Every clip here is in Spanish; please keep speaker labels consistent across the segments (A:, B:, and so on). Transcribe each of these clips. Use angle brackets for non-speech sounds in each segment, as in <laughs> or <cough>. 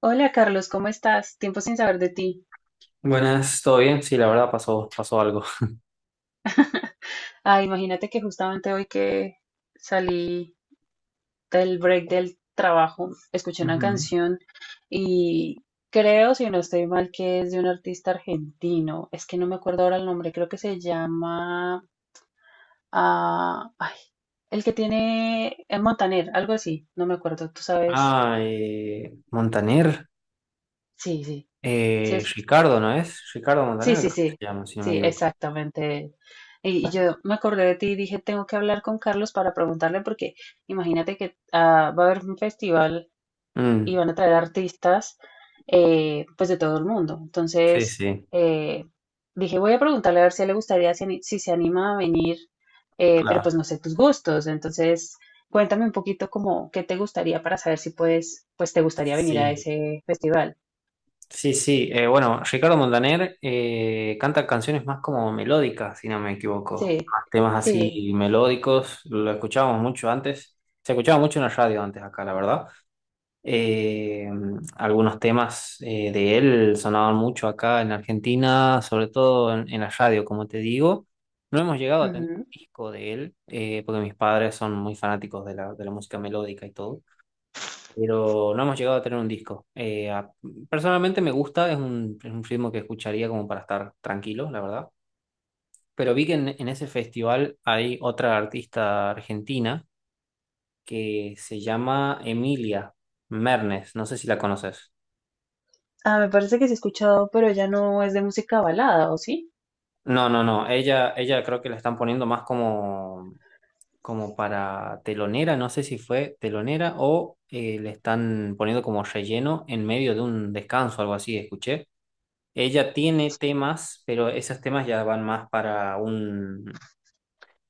A: Hola Carlos, ¿cómo estás? Tiempo sin saber de ti.
B: Buenas, ¿todo bien? Sí, la verdad pasó algo.
A: Ah, imagínate que justamente hoy que salí del break del trabajo, escuché una
B: Ujú.
A: canción y creo, si no estoy mal, que es de un artista argentino. Es que no me acuerdo ahora el nombre, creo que se llama... ah, ay, el que tiene... El Montaner, algo así, no me acuerdo, tú sabes.
B: Ah, Montaner,
A: Sí, sí, sí, es-
B: Ricardo, ¿no es? Ricardo
A: Sí,
B: Montaner,
A: sí,
B: creo que
A: sí,
B: se llama, si no me
A: sí,
B: equivoco.
A: exactamente. Y yo me acordé de ti y dije, tengo que hablar con Carlos para preguntarle porque imagínate que va a haber un festival y
B: Mm,
A: van a traer artistas pues de todo el mundo.
B: sí,
A: Entonces
B: sí,
A: eh, dije, voy a preguntarle a ver si a él le gustaría, si se anima a venir, pero
B: claro.
A: pues no sé tus gustos. Entonces cuéntame un poquito como qué te gustaría para saber si puedes, pues te gustaría venir a
B: Sí,
A: ese festival.
B: sí, sí. Bueno, Ricardo Montaner canta canciones más como melódicas, si no me equivoco.
A: Sí,
B: Más temas
A: sí.
B: así melódicos, lo escuchábamos mucho antes. Se escuchaba mucho en la radio antes acá, la verdad. Eh, Algunos temas de él sonaban mucho acá en Argentina, sobre todo en la radio, como te digo. No hemos llegado a tener disco de él, porque mis padres son muy fanáticos de de la música melódica y todo, pero no hemos llegado a tener un disco. Personalmente me gusta, es un ritmo que escucharía como para estar tranquilo, la verdad. Pero vi que en ese festival hay otra artista argentina que se llama Emilia Mernes, no sé si la conoces.
A: Ah, me parece que sí he escuchado, pero ya no es de música balada, ¿o sí?
B: No, no, no. Ella creo que la están poniendo más como para telonera. No sé si fue telonera o le están poniendo como relleno en medio de un descanso, algo así, escuché. Ella tiene temas, pero esos temas ya van más para un...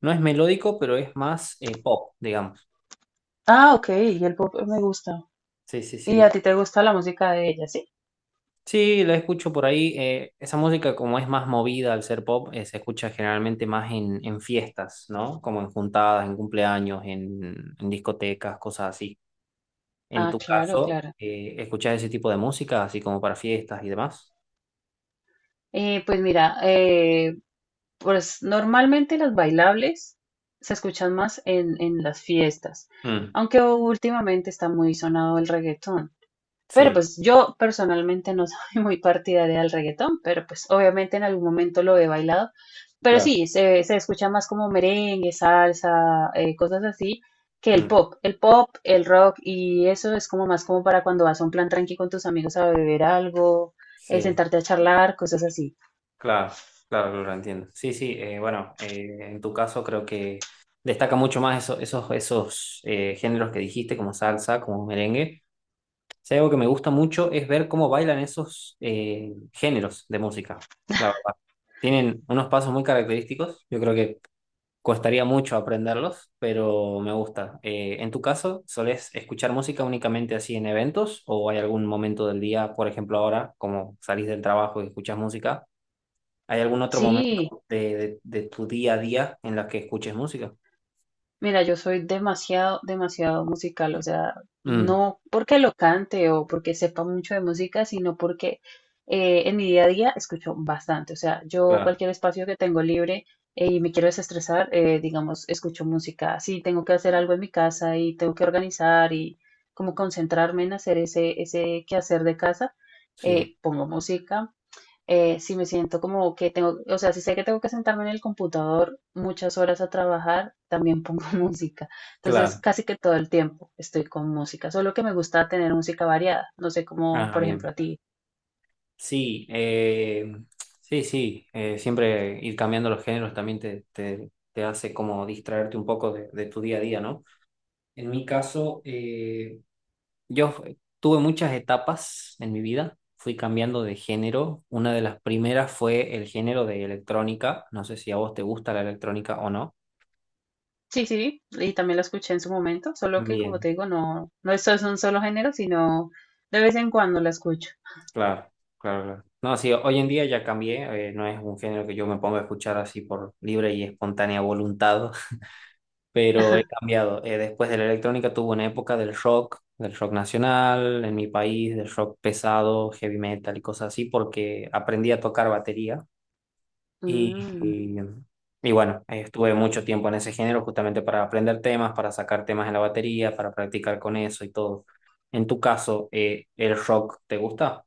B: No es melódico, pero es más pop, digamos.
A: Ah, ok, y el pop me gusta.
B: Sí, sí,
A: ¿Y a
B: sí.
A: ti te gusta la música de ella, sí?
B: Sí, la escucho por ahí. Esa música, como es más movida al ser pop, se escucha generalmente más en fiestas, ¿no? Como en juntadas, en cumpleaños, en discotecas, cosas así. En
A: Ah,
B: tu
A: claro,
B: caso,
A: claro.
B: ¿escuchas ese tipo de música, así como para fiestas y demás?
A: Pues mira, pues normalmente las bailables se escuchan más en las fiestas,
B: Mm,
A: aunque últimamente está muy sonado el reggaetón. Pero
B: sí,
A: pues yo personalmente no soy <laughs> muy partidaria del reggaetón, pero pues obviamente en algún momento lo he bailado. Pero
B: claro.
A: sí, se escucha más como merengue, salsa, cosas así, que el
B: Mm,
A: pop. El pop, el rock y eso es como más como para cuando vas a un plan tranqui con tus amigos a beber algo,
B: sí,
A: sentarte a charlar, cosas así.
B: claro, claro, claro, lo entiendo. Sí, sí, bueno, en tu caso creo que destaca mucho más esos géneros que dijiste, como salsa, como merengue. Si hay algo que me gusta mucho es ver cómo bailan esos géneros de música, la verdad. Tienen unos pasos muy característicos, yo creo que costaría mucho aprenderlos, pero me gusta. ¿En tu caso, solés escuchar música únicamente así en eventos o hay algún momento del día, por ejemplo ahora, como salís del trabajo y escuchas música? ¿Hay algún otro momento
A: Sí.
B: de tu día a día en la que escuches música?
A: Mira, yo soy demasiado, demasiado musical, o sea,
B: Mm,
A: no porque lo cante o porque sepa mucho de música, sino porque en mi día a día escucho bastante, o sea, yo
B: claro,
A: cualquier espacio que tengo libre y me quiero desestresar, digamos, escucho música. Si tengo que hacer algo en mi casa y tengo que organizar y como concentrarme en hacer ese, ese quehacer de casa,
B: sí,
A: pongo música si me siento como que tengo, o sea, si sé que tengo que sentarme en el computador muchas horas a trabajar, también pongo <laughs> música. Entonces,
B: claro.
A: casi que todo el tiempo estoy con música, solo que me gusta tener música variada, no sé cómo,
B: Ah,
A: por
B: bien.
A: ejemplo, a ti.
B: Sí, sí, sí. Siempre ir cambiando los géneros también te hace como distraerte un poco de tu día a día, ¿no? En mi caso, tuve muchas etapas en mi vida. Fui cambiando de género. Una de las primeras fue el género de electrónica. No sé si a vos te gusta la electrónica o no.
A: Sí, sí, y también la escuché en su momento, solo que como
B: Bien,
A: te digo, no, no es un solo género, sino de vez en cuando la escucho.
B: claro, claro, claro. No, sí, hoy en día ya cambié. No es un género que yo me ponga a escuchar así por libre y espontánea voluntad. Pero he
A: <laughs>
B: cambiado. Después de la electrónica tuve una época del rock nacional, en mi país, del rock pesado, heavy metal y cosas así, porque aprendí a tocar batería y,
A: Mm,
B: y, y bueno, estuve mucho tiempo en ese género justamente para aprender temas, para sacar temas en la batería, para practicar con eso y todo. En tu caso, ¿el rock te gusta?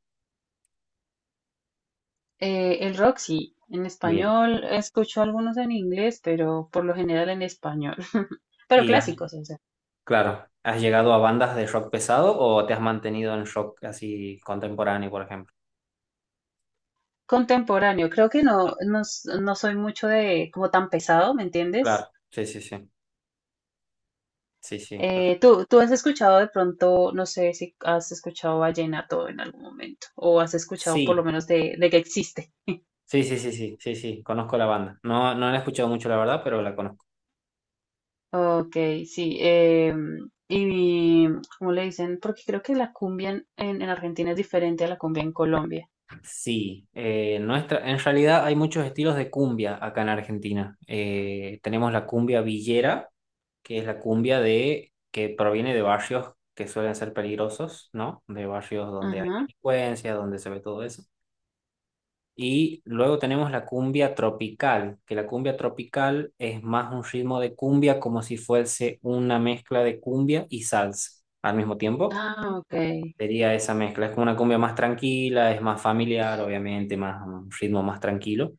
A: el rock sí, en
B: Bien.
A: español escucho algunos en inglés, pero por lo general en español, <laughs> pero
B: Y has-
A: clásicos, o sea.
B: claro, ¿has llegado a bandas de rock pesado o te has mantenido en rock así contemporáneo, por ejemplo?
A: Contemporáneo, creo que no, no soy mucho de como tan pesado, ¿me entiendes?
B: Claro, sí, sí, sí. Sí, sí, perfecto.
A: ¿Tú, tú has escuchado de pronto, no sé si has escuchado vallenato en algún momento, o has escuchado por lo
B: Sí,
A: menos de que existe? <laughs>
B: sí, sí, sí, sí, sí, sí, conozco la banda. No, no la he escuchado mucho, la verdad, pero la conozco.
A: Ok, sí. Y ¿cómo le dicen? Porque creo que la cumbia en Argentina es diferente a la cumbia en Colombia.
B: Sí, nuestra, en realidad hay muchos estilos de cumbia acá en Argentina. Tenemos la cumbia villera, que es la cumbia de, que proviene de barrios que suelen ser peligrosos, ¿no? De barrios donde hay
A: Ajá.
B: delincuencia, donde se ve todo eso. Y luego tenemos la cumbia tropical, que la cumbia tropical es más un ritmo de cumbia como si fuese una mezcla de cumbia y salsa al mismo tiempo.
A: Ah, ok.
B: Sería esa mezcla, es como una cumbia más tranquila, es más familiar, obviamente, más un ritmo más tranquilo.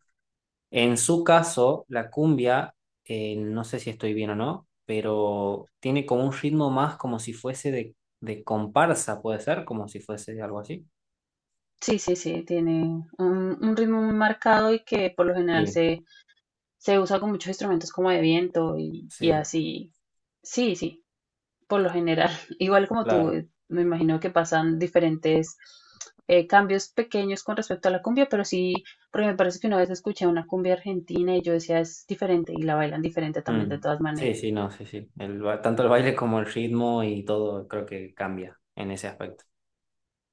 B: En su caso, la cumbia, no sé si estoy bien o no, pero tiene como un ritmo más como si fuese de comparsa, puede ser, como si fuese algo así.
A: Sí, sí, sí, tiene un ritmo muy marcado y que por lo general
B: Sí,
A: se, se usa con muchos instrumentos como de viento y
B: sí,
A: así. Sí, sí, por lo general. <laughs> Igual como tú,
B: claro.
A: me imagino que pasan diferentes cambios pequeños con respecto a la cumbia, pero sí, porque me parece que una vez escuché una cumbia argentina y yo decía es diferente y la bailan diferente también de
B: Mm.
A: todas
B: Sí,
A: maneras.
B: sí, no, sí, sí. Tanto el baile como el ritmo y todo creo que cambia en ese aspecto.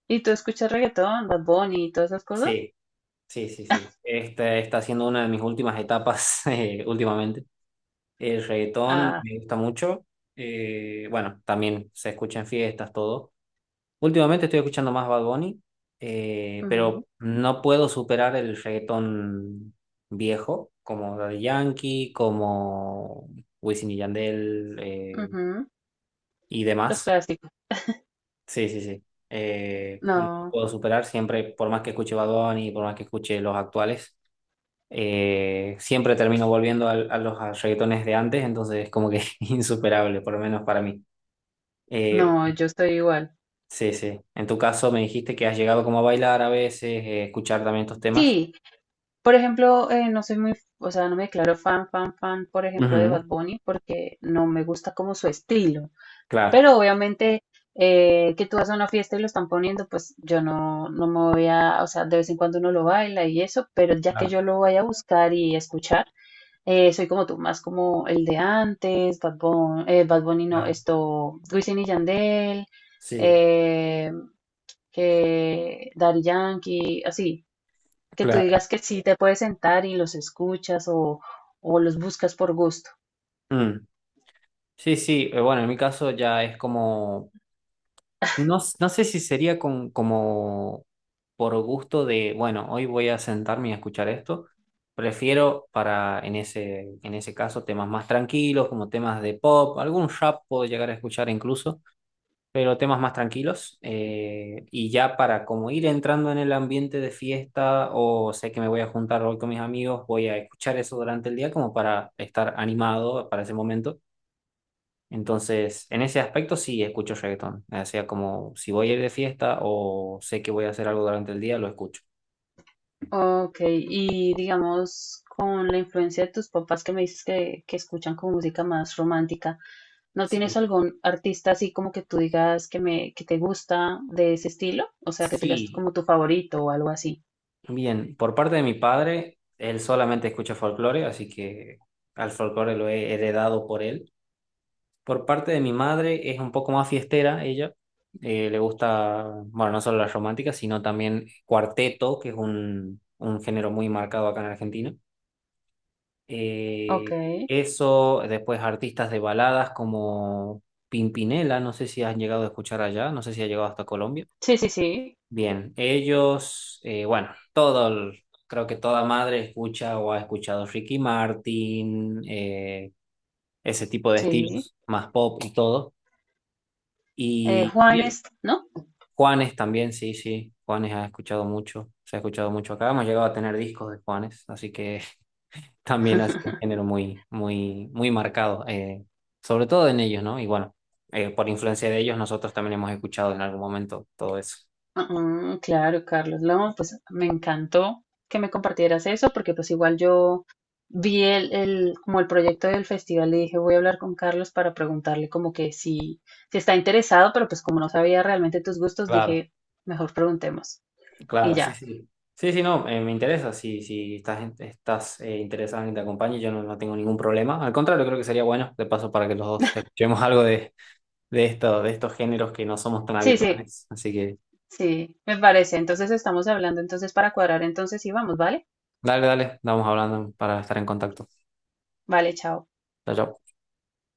A: ¿Y tú escuchas reggaetón, Bad Bunny y todas esas cosas?
B: Sí, sí, sí, sí. Esta está siendo una de mis últimas etapas <laughs> últimamente. El reggaetón
A: Ah,
B: me gusta mucho. Bueno, también se escucha en fiestas, todo. Últimamente estoy escuchando más Bad Bunny,
A: ujú,
B: pero no puedo superar el reggaetón viejo, como Daddy Yankee, como Wisin y Yandel
A: ujú,
B: y
A: los
B: demás.
A: clásicos.
B: Sí, sí, sí. No
A: No,
B: puedo superar siempre, por más que escuche Bad Bunny, por más que escuche los actuales, siempre termino volviendo al- a, los a reggaetones de antes, entonces es como que <laughs> insuperable, por lo menos para mí. Eh,
A: no, yo estoy igual.
B: sí, sí. En tu caso me dijiste que has llegado como a bailar a veces, escuchar también estos temas.
A: Sí, por ejemplo, no soy muy, o sea, no me declaro fan, fan, fan, por ejemplo, de
B: Ujú,
A: Bad Bunny porque no me gusta como su estilo.
B: claro,
A: Pero obviamente que tú vas a una fiesta y lo están poniendo, pues yo no, no me voy a, o sea, de vez en cuando uno lo baila y eso, pero ya que
B: claro,
A: yo lo vaya a buscar y escuchar, soy como tú, más como el de antes, Bad Bunny, Bad Bunny no,
B: claro.
A: esto, Wisin y Yandel,
B: Sí,
A: eh, que Daddy Yankee, así que tú
B: claro.
A: digas que sí te puedes sentar y los escuchas o los buscas por gusto.
B: Mm. Sí, sí. Bueno, en mi caso ya es como... No sé si sería con, como por gusto de, bueno, hoy voy a sentarme y a escuchar esto. Prefiero para, en ese caso, temas más tranquilos, como temas de pop, algún rap puedo llegar a escuchar incluso, pero temas más tranquilos. Eh, y ya para como ir entrando en el ambiente de fiesta o sé que me voy a juntar hoy con mis amigos, voy a escuchar eso durante el día como para estar animado para ese momento. Entonces, en ese aspecto sí escucho reggaetón. O sea, como si voy a ir de fiesta o sé que voy a hacer algo durante el día, lo escucho.
A: Ok, y digamos, con la influencia de tus papás que me dices que escuchan como música más romántica, ¿no tienes
B: Sí.
A: algún artista así como que tú digas que me, que te gusta de ese estilo? O sea, que tú digas
B: Sí.
A: como tu favorito o algo así.
B: Bien, por parte de mi padre, él solamente escucha folclore, así que al folclore lo he heredado por él. Por parte de mi madre es un poco más fiestera ella. Le gusta, bueno, no solo las románticas, sino también cuarteto, que es un género muy marcado acá en Argentina.
A: Ok,
B: Eh, eso, después artistas de baladas como Pimpinela, no sé si has llegado a escuchar allá, no sé si ha llegado hasta Colombia.
A: sí, sí, sí,
B: Bien, ellos, bueno, todo, el- creo que toda madre escucha o ha escuchado Ricky Martin, ese tipo de
A: sí.
B: estilos, más pop y todo. Y bien,
A: Juanes, ¿no?
B: Juanes también, sí, sí, Juanes ha escuchado mucho, se ha escuchado mucho acá, hemos llegado a tener discos de Juanes, así que también ha sido un
A: <laughs>
B: género muy, muy, muy marcado, sobre todo en ellos, ¿no? Y bueno, por influencia de ellos, nosotros también hemos escuchado en algún momento todo eso.
A: Ah, claro, Carlos. No, pues me encantó que me compartieras eso, porque pues igual yo vi como el proyecto del festival y dije, voy a hablar con Carlos para preguntarle como que si, si está interesado, pero pues como no sabía realmente tus gustos,
B: Claro,
A: dije, mejor preguntemos. Y
B: claro, sí,
A: ya.
B: sí. Sí, sí, no, me interesa. Si, si estás, estás interesado en que te acompañe, yo no, no tengo ningún problema. Al contrario, creo que sería bueno, de paso, para que los dos escuchemos <laughs> algo de esto, de estos géneros que no somos tan
A: Sí, sí,
B: habituales. Así que,
A: sí, me parece. Entonces estamos hablando entonces para cuadrar entonces y vamos, ¿vale?
B: dale, dale, vamos hablando para estar en contacto.
A: Vale, chao.
B: Chao, chao.